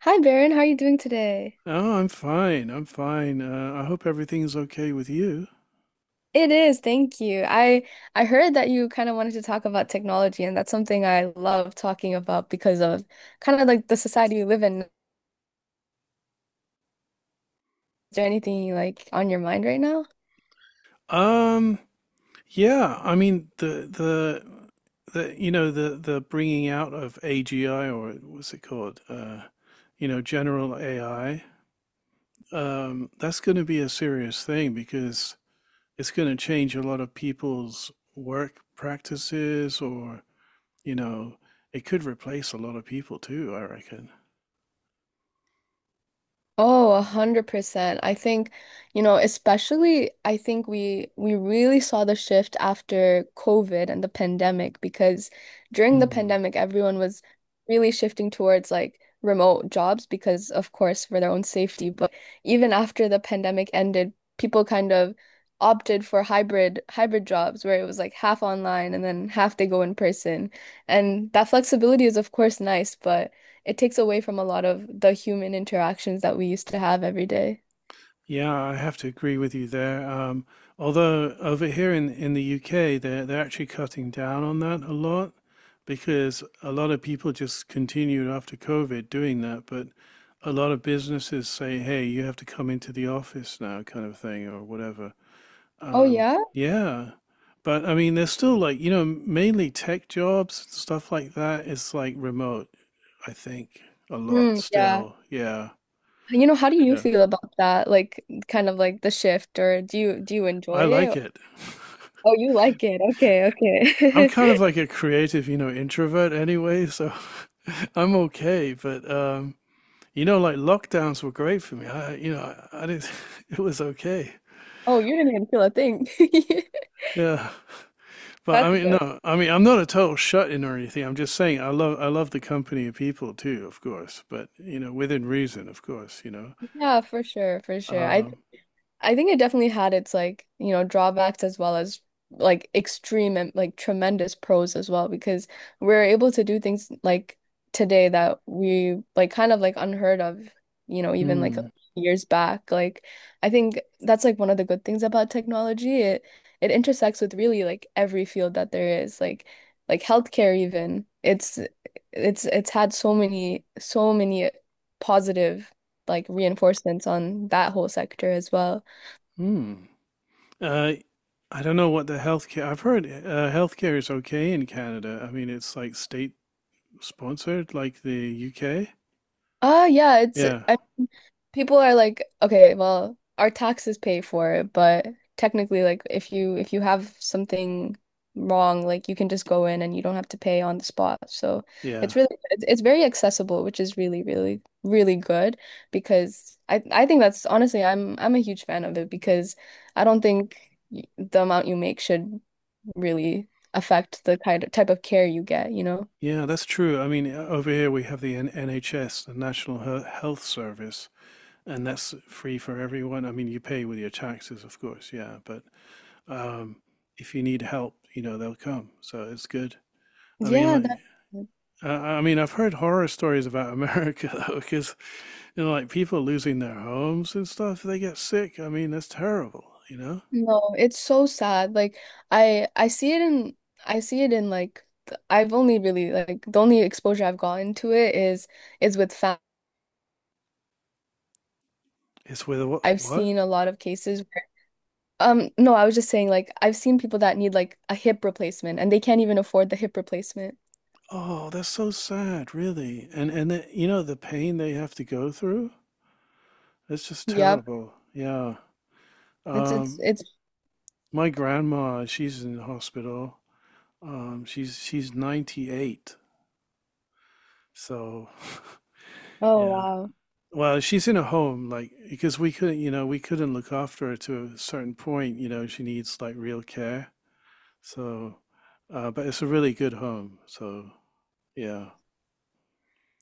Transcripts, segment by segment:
Hi Baron, how are you doing today? Oh, I'm fine. I'm fine. I hope everything's okay with you. It is, thank you. I heard that you kind of wanted to talk about technology, and that's something I love talking. Um, yeah, I mean the the bringing out of AGI or what's it called? You know, general AI. That's going to be a serious thing because it's going to change a lot of people's work practices, or you know, it could replace a lot of people too, I reckon. Oh, 100%. I think, you know, especially I think we really saw the shift after COVID and the pandemic because during the pandemic everyone was really shifting towards like remote jobs because of course for their own safety. But even after the pandemic ended, people kind of opted for hybrid jobs where it was like half online and then half they go in person. And that flexibility is of course nice, but it takes away from a lot of the human interactions that we used to have every day. Yeah, I have to agree with you there. Although over here in the UK, they're actually cutting down on that a lot because a lot of people just continued after COVID doing that. But a lot of businesses say, "Hey, you have to come into the office now," kind of thing, or whatever. Oh yeah? Yeah, but I mean, there's still like you know mainly tech jobs stuff like that. It's like remote, I think, a lot Mm, yeah. still. Yeah, You know, how do you yeah, feel about that? Like kind of like the shift or do you enjoy I like it? it. Oh, you like it. Okay, I'm kind okay. of like a creative, you know, introvert anyway, so I'm okay. But you know, like lockdowns were great for me. I, you know, I didn't. It was okay. Oh, you didn't even feel a thing. Yeah, but I That's mean, good. no, I mean, I'm not a total shut-in or anything. I'm just saying I love the company of people too, of course, but you know, within reason, of course, you know. Yeah, for sure, for sure. I Um, I think it definitely had its like, you know, drawbacks as well as like extreme and like tremendous pros as well because we're able to do things like today that we like kind of like unheard of, you know, even like mm, years back. Like I think that's like one of the good things about technology. It intersects with really like every field that there is, like healthcare even. It's it's had so many positive like reinforcements on that whole sector as well. mm. Uh, I don't know what the healthcare. I've heard healthcare is okay in Canada. I mean, it's like state sponsored, like the UK. Ah, yeah, it's Yeah, I, people are like, okay, well, our taxes pay for it, but technically, like, if you have something wrong, like, you can just go in and you don't have to pay on the spot. So it's yeah, really it's very accessible, which is really, really, really good because I think that's honestly, I'm a huge fan of it because I don't think the amount you make should really affect the kind of type of care you get, you know? yeah, that's true. I mean, over here we have the N NHS, the Health Service, and that's free for everyone. I mean, you pay with your taxes, of course, yeah, but um, if you need help, you know, they'll come. So it's good. I mean, Yeah, like, that. I mean, I've heard horror stories about America though, because you know, like people losing their homes and stuff, they get sick. I mean, that's terrible, you know? No, it's so sad. Like I see it in I see it in like I've only really like the only exposure I've gotten to it is with fat. It's with I've what? seen a lot of cases where, no, I was just saying like I've seen people that need like a hip replacement and they can't even afford the hip replacement. Oh, that's so sad, really. And you know the pain they have to go through? It's just Yep. terrible. Yeah. It's it's Um, it's my grandma, she's in the hospital. She's 98. So, yeah. oh wow. Well, she's in a home, like because we couldn't, you know, we couldn't look after her to a certain point. You know, she needs like real care. So, but it's a really good home. So, yeah,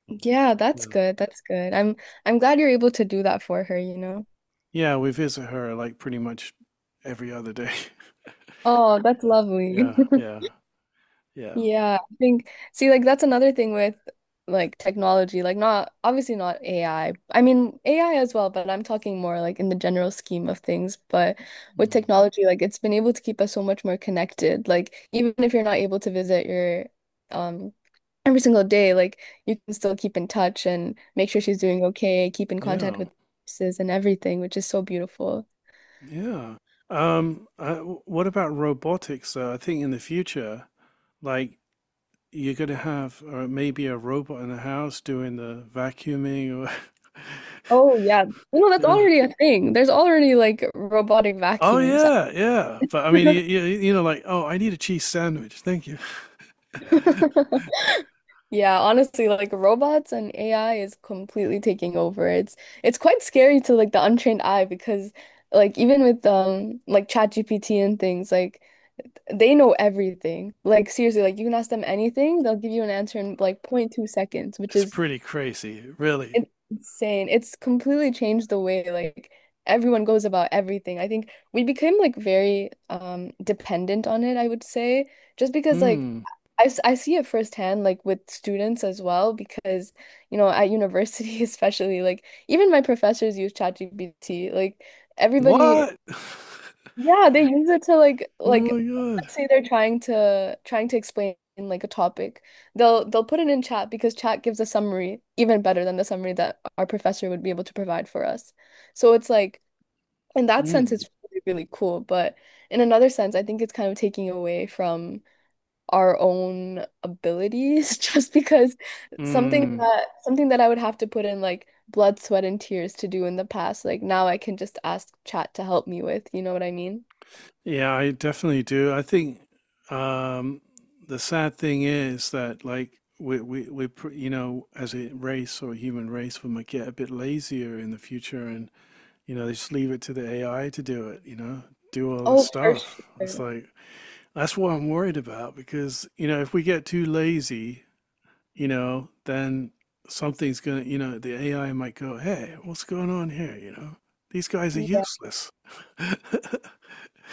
Yeah, yeah, that's good. That's good. I'm glad you're able to do that for her, you know. yeah. We visit her like pretty much every other day. Oh, that's lovely. Yeah, yeah, yeah. Yeah, I think see like that's another thing with like technology, like not obviously not AI. I mean AI as well, but I'm talking more like in the general scheme of things. But with Mm. technology, like it's been able to keep us so much more connected. Like even if you're not able to visit your um every single day, like you can still keep in touch and make sure she's doing okay, keep in contact Yeah. with nurses and everything, which is so beautiful. Yeah. What about robotics, though? I think in the future, like you're going to have maybe a robot in the house doing the vacuuming, or Oh yeah. No, that's you know. already a thing. There's already like robotic Oh, vacuums. yeah, yeah. But I mean, you know, like, oh, I need a cheese sandwich. Thank you. Yeah, honestly, like robots and AI is completely taking over. It's quite scary to like the untrained eye because like even with like ChatGPT and things, like they know everything. Like seriously, like you can ask them anything, they'll give you an answer in like point 0.2 seconds, which It's is pretty crazy, really. it's insane. It's completely changed the way like everyone goes about everything. I think we became like very dependent on it, I would say, just because like Hmm. I see it firsthand like with students as well because you know at university especially like even my professors use ChatGPT. Like everybody What? yeah, they use it to Oh my like god. let's say they're trying to explain like a topic. They'll put it in chat because chat gives a summary even better than the summary that our professor would be able to provide for us. So it's like in that sense Mm. it's really, really cool, but in another sense I think it's kind of taking away from our own abilities just because something Mm, that something that I would have to put in like blood, sweat, and tears to do in the past, like now I can just ask chat to help me with, you know what I mean? yeah, I definitely do. I think um, the sad thing is that like you know as a race or human race we might get a bit lazier in the future and you know they just leave it to the AI to do it, you know, do all this Oh, for stuff. It's sure. like that's what I'm worried about because you know if we get too lazy you know, then something's gonna, you know, the AI might go, "Hey, what's going on here?" You know, these guys are Yeah, useless.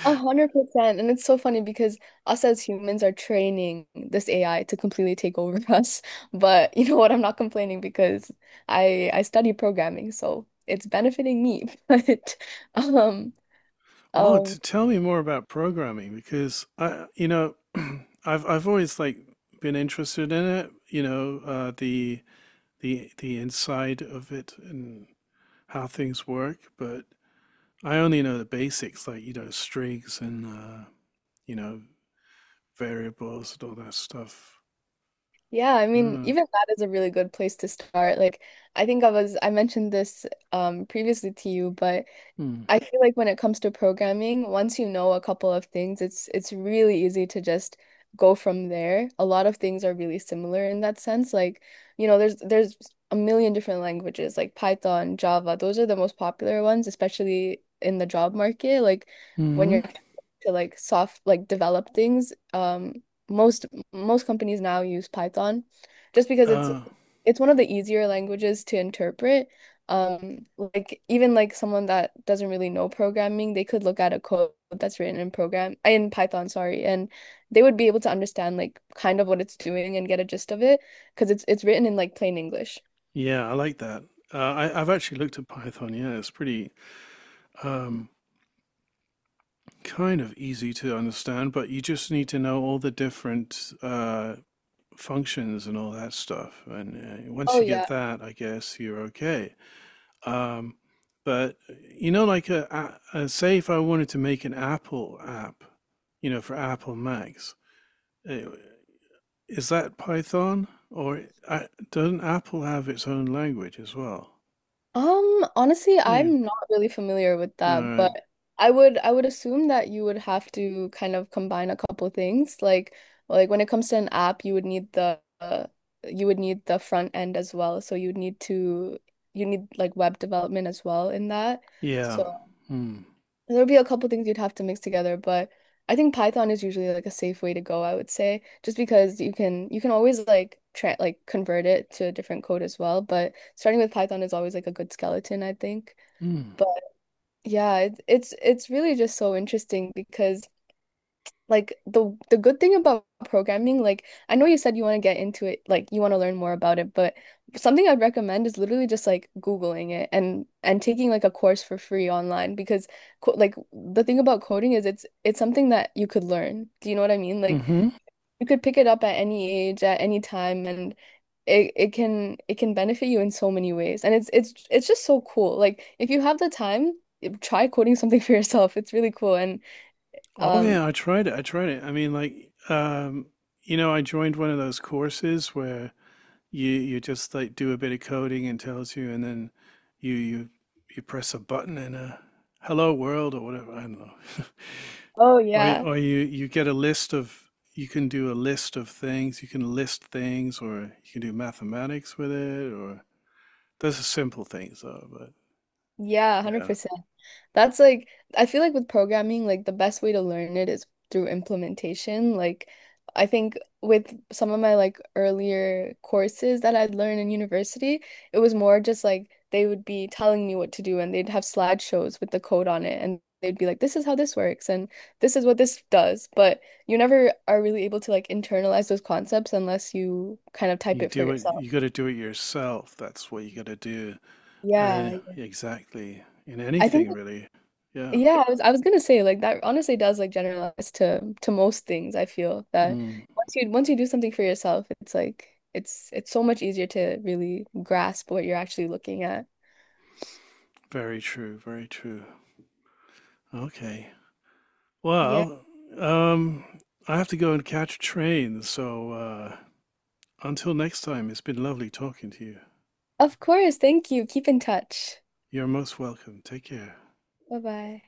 100%. And it's so funny because us as humans are training this AI to completely take over us. But you know what? I'm not complaining because I study programming, so it's benefiting me. But um Well, um, to tell me more about programming because I, you know, I've always like been interested in it. You know, the the inside of it and how things work, but I only know the basics, like you know, strings and you know, variables and all that stuff. yeah, I mean, Yeah. even that is a really good place to start. Like I think I mentioned this previously to you, but I feel like when it comes to programming, once you know a couple of things, it's really easy to just go from there. A lot of things are really similar in that sense. Like, you know, there's a million different languages like Python, Java. Those are the most popular ones, especially in the job market. Like when Mm. you're to like soft like develop things, most most companies now use Python just because Uh, it's one of the easier languages to interpret, like even like someone that doesn't really know programming, they could look at a code that's written in program in Python, sorry, and they would be able to understand like kind of what it's doing and get a gist of it because it's written in like plain English. yeah, I like that. I've actually looked at Python. Yeah, it's pretty um, kind of easy to understand, but you just need to know all the different functions and all that stuff. And Oh once you get yeah. that, I guess you're okay. Um, but you know, like a, say, if I wanted to make an Apple app, you know, for Apple Macs, eh, is that Python or I, doesn't Apple have its own language as well? I Honestly, think. I'm not really familiar with All that, but right. I would assume that you would have to kind of combine a couple things. Like when it comes to an app, you would need the you would need the front end as well. So you'd need to you need like web development as well in that. Yeah. So Mm. there will be a couple things you'd have to mix together, but I think Python is usually like a safe way to go, I would say, just because you can always like convert it to a different code as well, but starting with Python is always like a good skeleton, I think. Mm. Hmm. But yeah, it, it's really just so interesting because like the good thing about programming, like I know you said you want to get into it, like you want to learn more about it, but something I'd recommend is literally just like Googling it and taking like a course for free online because co like the thing about coding is it's something that you could learn. Do you know what I mean? Like Mm-hmm. you could pick it up at any age, at any time, and it can benefit you in so many ways. And it's just so cool. Like if you have the time, try coding something for yourself. It's really cool and Oh um. yeah, I tried it. I tried it. I mean, like, you know, I joined one of those courses where you just like do a bit of coding and tells you, and then you you press a button and a hello world or whatever. I don't know. Oh Or yeah. or you get a list of you can do a list of things. You can list things, or you can do mathematics with it, or those are simple things though. But Yeah, yeah. 100%. That's like, I feel like with programming, like the best way to learn it is through implementation. Like, I think with some of my like earlier courses that I'd learned in university, it was more just like they would be telling me what to do and they'd have slideshows with the code on it and they'd be like, this is how this works and this is what this does. But you never are really able to like internalize those concepts unless you kind of type You it for do it, yourself. you got to do it yourself. That's what you got to do. Yeah. Yeah. Exactly. In I anything, think really. Yeah. yeah, I was gonna say like that honestly does like generalize to most things. I feel that Mm, once you do something for yourself, it's like it's so much easier to really grasp what you're actually looking at. very true. Very true. Okay. Yeah. Well, um, I have to go and catch a train. So, until next time, it's been lovely talking to you. Of course. Thank you. Keep in touch. You're most welcome. Take care. Bye bye.